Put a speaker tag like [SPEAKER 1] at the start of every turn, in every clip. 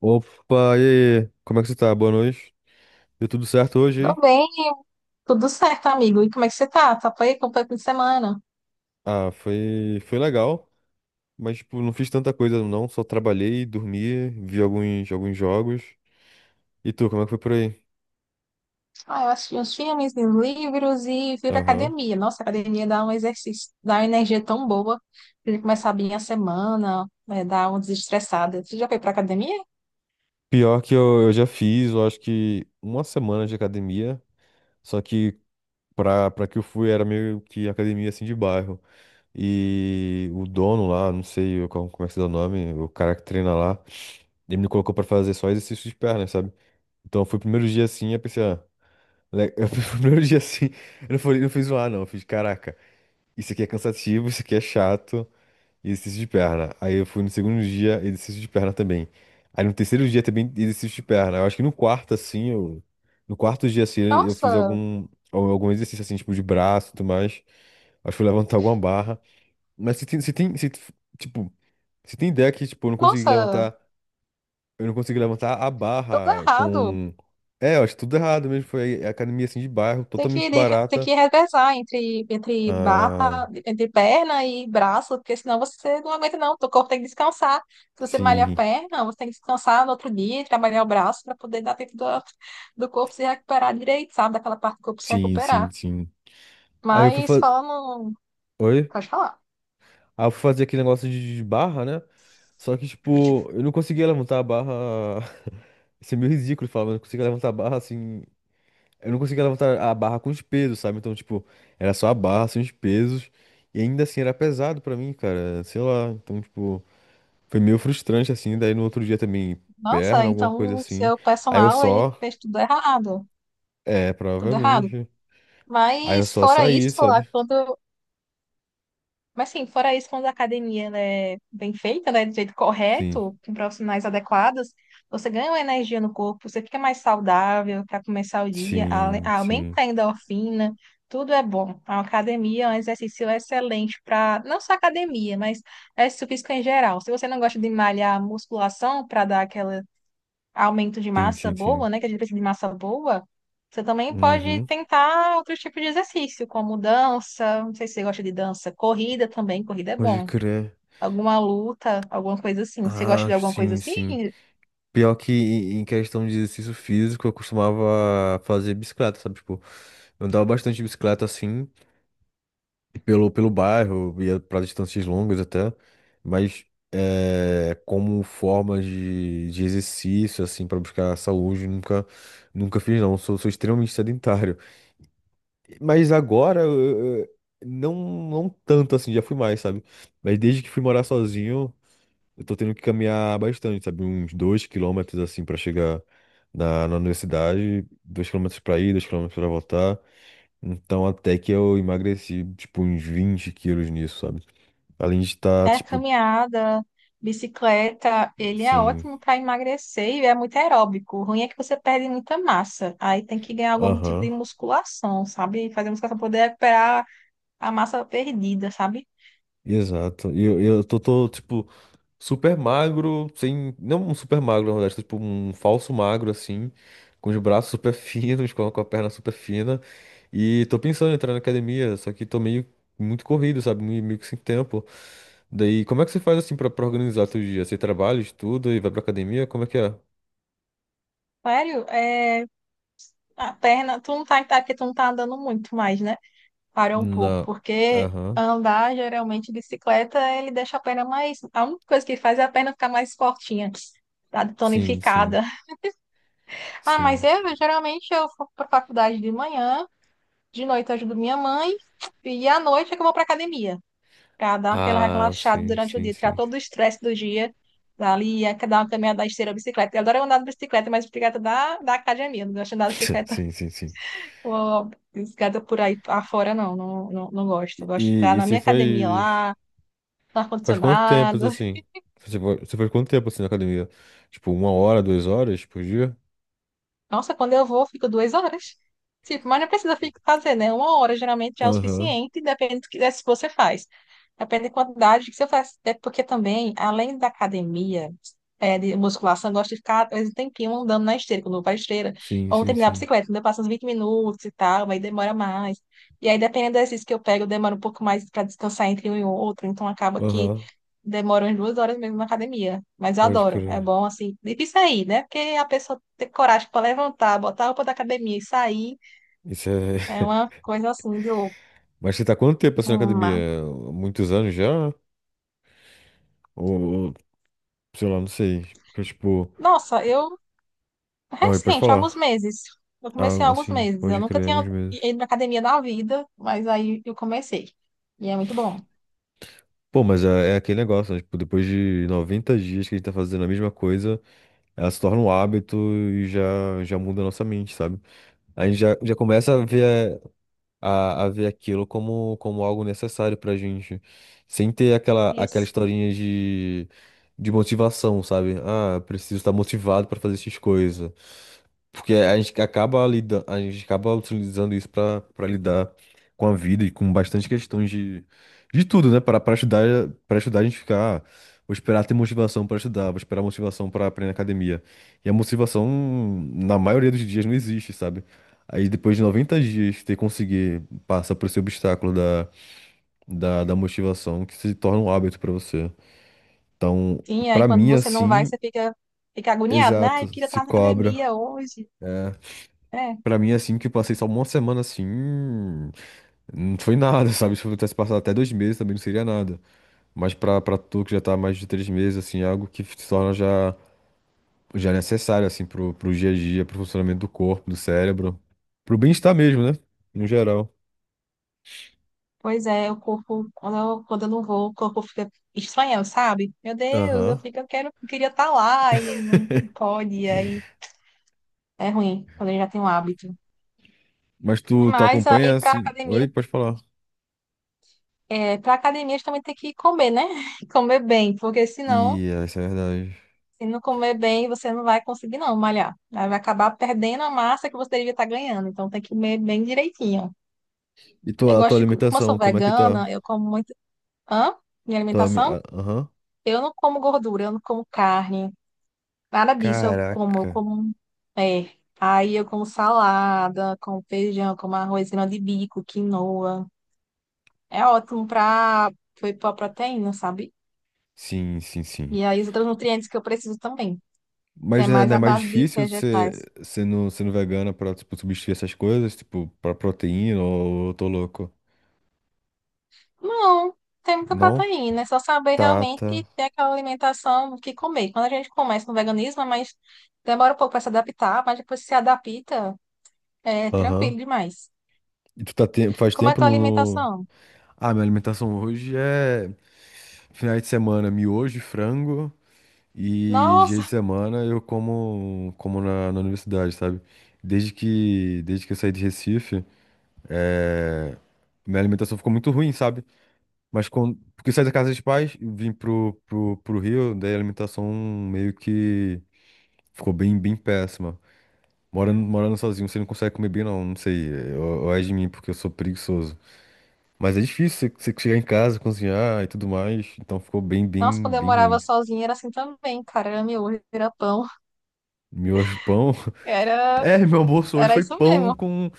[SPEAKER 1] Opa, e aí? Como é que você tá? Boa noite. Deu tudo certo hoje,
[SPEAKER 2] Tô
[SPEAKER 1] hein?
[SPEAKER 2] bem, tudo certo, amigo. E como é que você tá? Tá por aí? Como foi o fim de semana?
[SPEAKER 1] Ah, foi legal, mas tipo, não fiz tanta coisa não, só trabalhei, dormi, vi alguns jogos. E tu, como é que foi por aí?
[SPEAKER 2] Ah, eu assisti uns filmes, uns livros e fui pra
[SPEAKER 1] Aham.
[SPEAKER 2] academia. Nossa, a academia dá um exercício, dá uma energia tão boa pra gente começar bem a semana, né, dar uma desestressada. Você já foi pra academia?
[SPEAKER 1] Pior que eu já fiz, eu acho que uma semana de academia, só que pra que eu fui era meio que academia assim de bairro. E o dono lá, não sei como é que se dá o nome, o cara que treina lá, ele me colocou pra fazer só exercício de perna, sabe? Então foi o primeiro dia assim, eu pensei, ah, Eu fui o primeiro dia assim, eu não fui, não fui zoar, não. Eu fiz, caraca, isso aqui é cansativo, isso aqui é chato, e exercício de perna. Aí eu fui no segundo dia, exercício de perna também. Aí no terceiro dia também, exercício de perna. Eu acho que no quarto, assim, eu. No quarto dia, assim, eu fiz
[SPEAKER 2] Nossa,
[SPEAKER 1] algum, algum exercício, assim, tipo, de braço e tudo mais. Acho que fui levantar alguma barra. Mas se tem, se tem, se, tipo, se tem ideia que, tipo,
[SPEAKER 2] nossa,
[SPEAKER 1] eu não consegui levantar a
[SPEAKER 2] tudo
[SPEAKER 1] barra
[SPEAKER 2] errado.
[SPEAKER 1] com. É, eu acho tudo errado mesmo. Foi a academia, assim, de bairro,
[SPEAKER 2] Tem
[SPEAKER 1] totalmente
[SPEAKER 2] que, tem
[SPEAKER 1] barata.
[SPEAKER 2] que revezar entre
[SPEAKER 1] Ah,
[SPEAKER 2] barra, entre perna e braço, porque senão você não aguenta, não. O teu corpo tem que descansar. Se você malha a
[SPEAKER 1] sim,
[SPEAKER 2] perna, você tem que descansar no outro dia, e trabalhar o braço para poder dar tempo do, do corpo se recuperar direito, sabe? Daquela parte do corpo se
[SPEAKER 1] sim, sim,
[SPEAKER 2] recuperar.
[SPEAKER 1] sim. Aí eu fui
[SPEAKER 2] Mas
[SPEAKER 1] fazer.
[SPEAKER 2] falando.
[SPEAKER 1] Oi?
[SPEAKER 2] Pode falar.
[SPEAKER 1] Aí eu fui fazer aquele negócio de barra, né? Só que, tipo, eu não conseguia levantar a barra. Isso é meio ridículo falar, mas eu não conseguia levantar a barra assim. Eu não conseguia levantar a barra com os pesos, sabe? Então, tipo, era só a barra, sem os pesos. E ainda assim era pesado pra mim, cara. Sei lá. Então, tipo, foi meio frustrante assim. Daí no outro dia também,
[SPEAKER 2] Nossa,
[SPEAKER 1] perna, alguma coisa
[SPEAKER 2] então
[SPEAKER 1] assim.
[SPEAKER 2] seu
[SPEAKER 1] Aí eu
[SPEAKER 2] personal, ele
[SPEAKER 1] só.
[SPEAKER 2] fez tudo errado.
[SPEAKER 1] É,
[SPEAKER 2] Tudo errado.
[SPEAKER 1] provavelmente. Aí eu
[SPEAKER 2] Mas
[SPEAKER 1] só
[SPEAKER 2] fora
[SPEAKER 1] saí,
[SPEAKER 2] isso, lá,
[SPEAKER 1] sabe?
[SPEAKER 2] quando mas sim, fora isso, quando a academia ela é bem feita, né, do jeito
[SPEAKER 1] Sim.
[SPEAKER 2] correto, com profissionais adequados, você ganha uma energia no corpo, você fica mais saudável para começar o dia,
[SPEAKER 1] Sim, sim,
[SPEAKER 2] aumenta a endorfina, tudo é bom. A academia é um exercício excelente para, não só academia, mas exercício físico em geral. Se você não gosta de malhar musculação para dar aquela aumento de
[SPEAKER 1] sim,
[SPEAKER 2] massa
[SPEAKER 1] sim, sim.
[SPEAKER 2] boa, né? Que a gente precisa de massa boa, você também pode
[SPEAKER 1] Uhum.
[SPEAKER 2] tentar outros tipos de exercício, como dança, não sei se você gosta de dança, corrida também, corrida é
[SPEAKER 1] Pode
[SPEAKER 2] bom.
[SPEAKER 1] crer.
[SPEAKER 2] Alguma luta, alguma coisa assim. Você gosta
[SPEAKER 1] Ah,
[SPEAKER 2] de alguma coisa
[SPEAKER 1] sim,
[SPEAKER 2] assim?
[SPEAKER 1] sim. Pior que em questão de exercício físico, eu costumava fazer bicicleta, sabe? Tipo, eu andava bastante de bicicleta assim, pelo bairro, ia pra distâncias longas até, mas é, como forma de exercício, assim, pra buscar saúde, nunca fiz, não. Sou extremamente sedentário. Mas agora, não, não tanto assim, já fui mais, sabe? Mas desde que fui morar sozinho, eu tô tendo que caminhar bastante, sabe? Uns 2 quilômetros assim pra chegar na universidade, dois quilômetros pra ir, 2 quilômetros pra voltar. Então até que eu emagreci, tipo, uns 20 quilos nisso, sabe? Além de estar,
[SPEAKER 2] É
[SPEAKER 1] tipo,
[SPEAKER 2] caminhada, bicicleta, ele é
[SPEAKER 1] assim,
[SPEAKER 2] ótimo para emagrecer e é muito aeróbico. O ruim é que você perde muita massa. Aí tem que ganhar algum tipo
[SPEAKER 1] aham,
[SPEAKER 2] de musculação, sabe? Fazer musculação para poder recuperar a massa perdida, sabe?
[SPEAKER 1] exato. E eu tipo, super magro, sem. Não um super magro, na verdade, tipo um falso magro, assim, com os braços super finos, com a perna super fina. E tô pensando em entrar na academia, só que tô meio muito corrido, sabe? Meio que sem tempo. Daí, como é que você faz assim pra, pra organizar teu dia? Você trabalha, estuda e vai pra academia? Como é que é?
[SPEAKER 2] Sério, é. A perna, tu não tá, tá que tu não tá andando muito mais, né? Parou um pouco,
[SPEAKER 1] Não.
[SPEAKER 2] porque
[SPEAKER 1] Aham.
[SPEAKER 2] andar geralmente bicicleta, ele deixa a perna mais. A única coisa que faz é a perna ficar mais fortinha, tá
[SPEAKER 1] Sim, sim,
[SPEAKER 2] tonificada. Ah, mas
[SPEAKER 1] sim.
[SPEAKER 2] eu geralmente eu vou pra faculdade de manhã, de noite eu ajudo minha mãe, e à noite é que eu vou pra academia, pra dar aquela
[SPEAKER 1] Ah,
[SPEAKER 2] relaxada
[SPEAKER 1] sim,
[SPEAKER 2] durante o
[SPEAKER 1] sim,
[SPEAKER 2] dia, tirar
[SPEAKER 1] sim.
[SPEAKER 2] todo o estresse do dia. Ali, é que dá uma caminhada esteira, bicicleta. Eu adoro andar de bicicleta, mas bicicleta da academia, eu não gosto de andar de bicicleta.
[SPEAKER 1] Sim, sim, sim.
[SPEAKER 2] Pô, desgada por aí afora, não, não, não, não gosto.
[SPEAKER 1] E,
[SPEAKER 2] Eu gosto de
[SPEAKER 1] e
[SPEAKER 2] ficar
[SPEAKER 1] e
[SPEAKER 2] na
[SPEAKER 1] você
[SPEAKER 2] minha academia
[SPEAKER 1] faz.
[SPEAKER 2] lá, no
[SPEAKER 1] Faz quanto tempo,
[SPEAKER 2] ar-condicionado.
[SPEAKER 1] assim? Você foi, você faz quanto tempo, assim, na academia? Tipo, uma hora, 2 horas por dia?
[SPEAKER 2] Nossa, quando eu vou, fico duas horas. Tipo, mas não precisa fazer, né? Uma hora geralmente já é o
[SPEAKER 1] Aham.
[SPEAKER 2] suficiente, depende do que se você faz. Depende da quantidade que você faz. É porque também, além da academia, é, de musculação, eu gosto de ficar às vezes um tempinho andando na esteira, quando eu vou pra esteira,
[SPEAKER 1] Sim,
[SPEAKER 2] ou
[SPEAKER 1] sim,
[SPEAKER 2] terminar tempinho
[SPEAKER 1] sim.
[SPEAKER 2] bicicleta, então eu passo uns 20 minutos e tal, aí demora mais. E aí, dependendo do exercício que eu pego, demora um pouco mais para descansar entre um e outro, então acaba que
[SPEAKER 1] Aham,
[SPEAKER 2] demoro umas duas horas mesmo na academia, mas eu
[SPEAKER 1] pode
[SPEAKER 2] adoro. É
[SPEAKER 1] crer.
[SPEAKER 2] bom, assim, difícil sair, né? Porque a pessoa ter coragem para levantar, botar a roupa da academia e sair
[SPEAKER 1] Isso é...
[SPEAKER 2] é uma coisa assim de louco.
[SPEAKER 1] Mas você tá há quanto tempo, assim, na
[SPEAKER 2] Uma.
[SPEAKER 1] academia? Muitos anos já? Ou, ou, sei lá, não sei. Porque, tipo...
[SPEAKER 2] Nossa, eu
[SPEAKER 1] Olha, pode
[SPEAKER 2] recente,
[SPEAKER 1] falar.
[SPEAKER 2] alguns meses. Eu
[SPEAKER 1] Ah,
[SPEAKER 2] comecei há alguns
[SPEAKER 1] assim,
[SPEAKER 2] meses. Eu
[SPEAKER 1] pode
[SPEAKER 2] nunca
[SPEAKER 1] crer,
[SPEAKER 2] tinha
[SPEAKER 1] alguns meses.
[SPEAKER 2] ido na academia na vida, mas aí eu comecei. E é muito bom.
[SPEAKER 1] Pô, mas é, é aquele negócio, né? Tipo, depois de 90 dias que a gente tá fazendo a mesma coisa, ela se torna um hábito e já muda a nossa mente, sabe? A gente já começa a ver. A ver aquilo como, como algo necessário pra gente. Sem ter aquela
[SPEAKER 2] Isso.
[SPEAKER 1] historinha de motivação, sabe? Ah, preciso estar motivado pra fazer essas coisas. Porque a gente acaba lidando, a gente acaba utilizando isso pra para lidar com a vida e com bastante questões de tudo, né? Para estudar a gente ficar, ah, vou esperar ter motivação pra estudar, vou esperar motivação pra aprender na academia. E a motivação na maioria dos dias não existe, sabe? Aí depois de 90 dias você conseguir passar por esse obstáculo da, da motivação que se torna um hábito pra você. Então,
[SPEAKER 2] Sim,
[SPEAKER 1] pra
[SPEAKER 2] aí quando
[SPEAKER 1] mim
[SPEAKER 2] você não vai,
[SPEAKER 1] assim,
[SPEAKER 2] você fica, fica agoniado, né? Ai,
[SPEAKER 1] exato,
[SPEAKER 2] eu queria
[SPEAKER 1] se
[SPEAKER 2] estar na
[SPEAKER 1] cobra.
[SPEAKER 2] academia hoje.
[SPEAKER 1] É.
[SPEAKER 2] Né.
[SPEAKER 1] Para mim assim que eu passei só uma semana assim, não foi nada, sabe? Se eu tivesse passado até 2 meses também não seria nada. Mas pra para tu que já tá há mais de 3 meses assim, é algo que se torna já necessário assim pro, pro dia a dia, pro funcionamento do corpo, do cérebro, pro bem-estar mesmo, né? No geral.
[SPEAKER 2] Pois é, o corpo, quando eu não vou, o corpo fica estranhando, sabe? Meu Deus, eu
[SPEAKER 1] Aham.
[SPEAKER 2] fico, eu quero, eu queria estar lá e aí não pode, e aí é ruim, quando a gente já tem um hábito.
[SPEAKER 1] Mas tu, tu
[SPEAKER 2] Mas
[SPEAKER 1] acompanha
[SPEAKER 2] aí para
[SPEAKER 1] assim. Oi,
[SPEAKER 2] academia,
[SPEAKER 1] pode falar.
[SPEAKER 2] é, para academia também tem que comer, né? Comer bem, porque senão,
[SPEAKER 1] E essa é a verdade.
[SPEAKER 2] se não comer bem, você não vai conseguir não malhar. Aí vai acabar perdendo a massa que você deveria estar ganhando, então tem que comer bem direitinho.
[SPEAKER 1] E
[SPEAKER 2] Eu
[SPEAKER 1] tua, tua
[SPEAKER 2] gosto de, como eu sou
[SPEAKER 1] alimentação, como é que tá?
[SPEAKER 2] vegana, eu como muito, hã? Minha alimentação,
[SPEAKER 1] Aham.
[SPEAKER 2] eu não como gordura, eu não como carne. Nada disso, eu como, eu
[SPEAKER 1] Caraca.
[SPEAKER 2] como. É. Aí eu como salada, como feijão, como arroz grão de bico, quinoa. É ótimo para foi para proteína, sabe?
[SPEAKER 1] Sim, sim,
[SPEAKER 2] E
[SPEAKER 1] sim.
[SPEAKER 2] aí os outros nutrientes que eu preciso também.
[SPEAKER 1] Mas
[SPEAKER 2] É
[SPEAKER 1] não é,
[SPEAKER 2] mais
[SPEAKER 1] não é
[SPEAKER 2] a
[SPEAKER 1] mais
[SPEAKER 2] base de
[SPEAKER 1] difícil
[SPEAKER 2] vegetais.
[SPEAKER 1] ser, sendo vegana pra, tipo, substituir essas coisas, tipo, pra proteína ou eu tô louco?
[SPEAKER 2] Não, tem muita
[SPEAKER 1] Não?
[SPEAKER 2] proteína, é só saber
[SPEAKER 1] Tá, tá.
[SPEAKER 2] realmente ter aquela alimentação que comer. Quando a gente começa no veganismo, mas demora um pouco para se adaptar, mas depois que se adapta, é tranquilo
[SPEAKER 1] Aham.
[SPEAKER 2] demais.
[SPEAKER 1] E tu faz
[SPEAKER 2] Como é a
[SPEAKER 1] tempo
[SPEAKER 2] tua
[SPEAKER 1] no... no...
[SPEAKER 2] alimentação?
[SPEAKER 1] Ah, minha alimentação hoje é... Finais de semana, miojo, e frango. E dia
[SPEAKER 2] Nossa.
[SPEAKER 1] de semana eu como, como na, na universidade, sabe? Desde que eu saí de Recife, é, minha alimentação ficou muito ruim, sabe? Mas quando, porque eu saí da casa dos pais, vim pro, pro Rio, daí a alimentação meio que ficou bem, bem péssima. Morando sozinho, você não consegue comer bem, não, não sei. Eu é de mim, porque eu sou preguiçoso. Mas é difícil você chegar em casa, cozinhar e tudo mais, então ficou bem,
[SPEAKER 2] Nossa,
[SPEAKER 1] bem,
[SPEAKER 2] quando eu
[SPEAKER 1] bem
[SPEAKER 2] morava
[SPEAKER 1] ruim.
[SPEAKER 2] sozinha era assim também, cara. Era era pão.
[SPEAKER 1] Miojo, pão.
[SPEAKER 2] Era,
[SPEAKER 1] É, meu almoço hoje
[SPEAKER 2] era
[SPEAKER 1] foi
[SPEAKER 2] isso
[SPEAKER 1] pão
[SPEAKER 2] mesmo.
[SPEAKER 1] com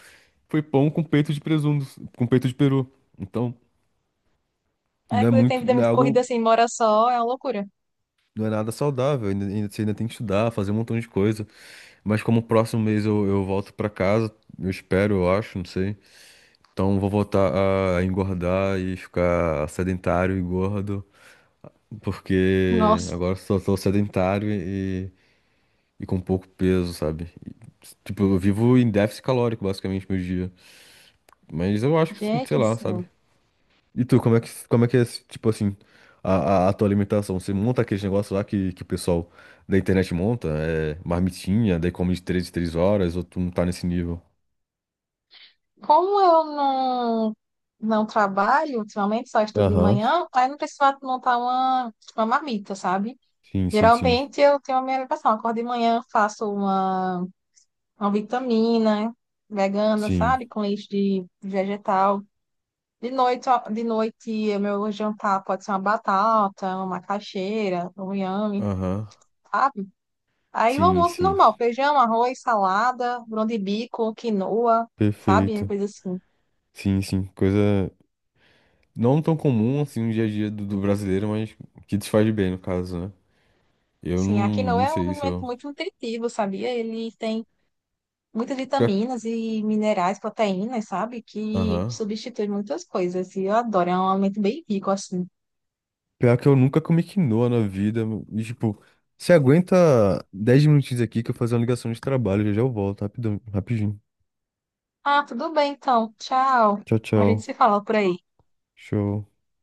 [SPEAKER 1] peito de presunto, com peito de peru. Então,
[SPEAKER 2] É
[SPEAKER 1] não é
[SPEAKER 2] quando tem
[SPEAKER 1] muito,
[SPEAKER 2] vida
[SPEAKER 1] não é
[SPEAKER 2] muito
[SPEAKER 1] algo,
[SPEAKER 2] corrida assim, mora só, é uma loucura.
[SPEAKER 1] não é nada saudável. Ainda, ainda- você ainda tem que estudar, fazer um montão de coisa. Mas como o próximo mês eu volto pra casa, eu espero, eu acho, não sei. Então vou voltar a engordar e ficar sedentário e gordo, porque
[SPEAKER 2] Nossa,
[SPEAKER 1] agora só sou sedentário e com pouco peso, sabe? E, tipo, eu vivo em déficit calórico basicamente meu dia. Mas eu acho que, sei
[SPEAKER 2] gente do
[SPEAKER 1] lá, sabe?
[SPEAKER 2] céu.
[SPEAKER 1] E tu, como é que é, tipo assim, a, a tua alimentação? Você monta aqueles negócios lá que o pessoal da internet monta? É marmitinha, daí come de 3 em 3 horas, ou tu não tá nesse nível?
[SPEAKER 2] Como eu não trabalho ultimamente, só estudo de
[SPEAKER 1] Aham.
[SPEAKER 2] manhã, aí não precisava montar uma marmita, sabe?
[SPEAKER 1] Sim, sim, sim.
[SPEAKER 2] Geralmente eu tenho a minha alimentação. Acordo de manhã, faço uma vitamina vegana,
[SPEAKER 1] Sim.
[SPEAKER 2] sabe? Com leite de vegetal. De noite, ó, de noite, o meu jantar pode ser uma batata, uma macaxeira, um inhame,
[SPEAKER 1] Aham.
[SPEAKER 2] sabe? Aí o
[SPEAKER 1] Sim,
[SPEAKER 2] almoço
[SPEAKER 1] sim.
[SPEAKER 2] normal, feijão, arroz, salada, grão de bico, quinoa, sabe?
[SPEAKER 1] Perfeito.
[SPEAKER 2] Coisa assim.
[SPEAKER 1] Sim, sim. Coisa não tão comum assim no dia a dia do brasileiro, mas que te faz bem, no caso, né? Eu não,
[SPEAKER 2] Sim, a quinoa
[SPEAKER 1] não
[SPEAKER 2] é um
[SPEAKER 1] sei se
[SPEAKER 2] alimento
[SPEAKER 1] eu.
[SPEAKER 2] muito nutritivo, sabia? Ele tem muitas
[SPEAKER 1] Pior-
[SPEAKER 2] vitaminas e minerais, proteínas, sabe? Que
[SPEAKER 1] Aham.
[SPEAKER 2] substitui muitas coisas. E eu adoro, é um alimento bem rico, assim.
[SPEAKER 1] Pior que eu nunca comi quinoa na vida. E, tipo, você aguenta 10 minutinhos aqui que eu vou fazer uma ligação de trabalho. Já já eu volto, rapidão, rapidinho.
[SPEAKER 2] Ah, tudo bem, então. Tchau.
[SPEAKER 1] Tchau,
[SPEAKER 2] A gente
[SPEAKER 1] tchau.
[SPEAKER 2] se fala por aí.
[SPEAKER 1] Show.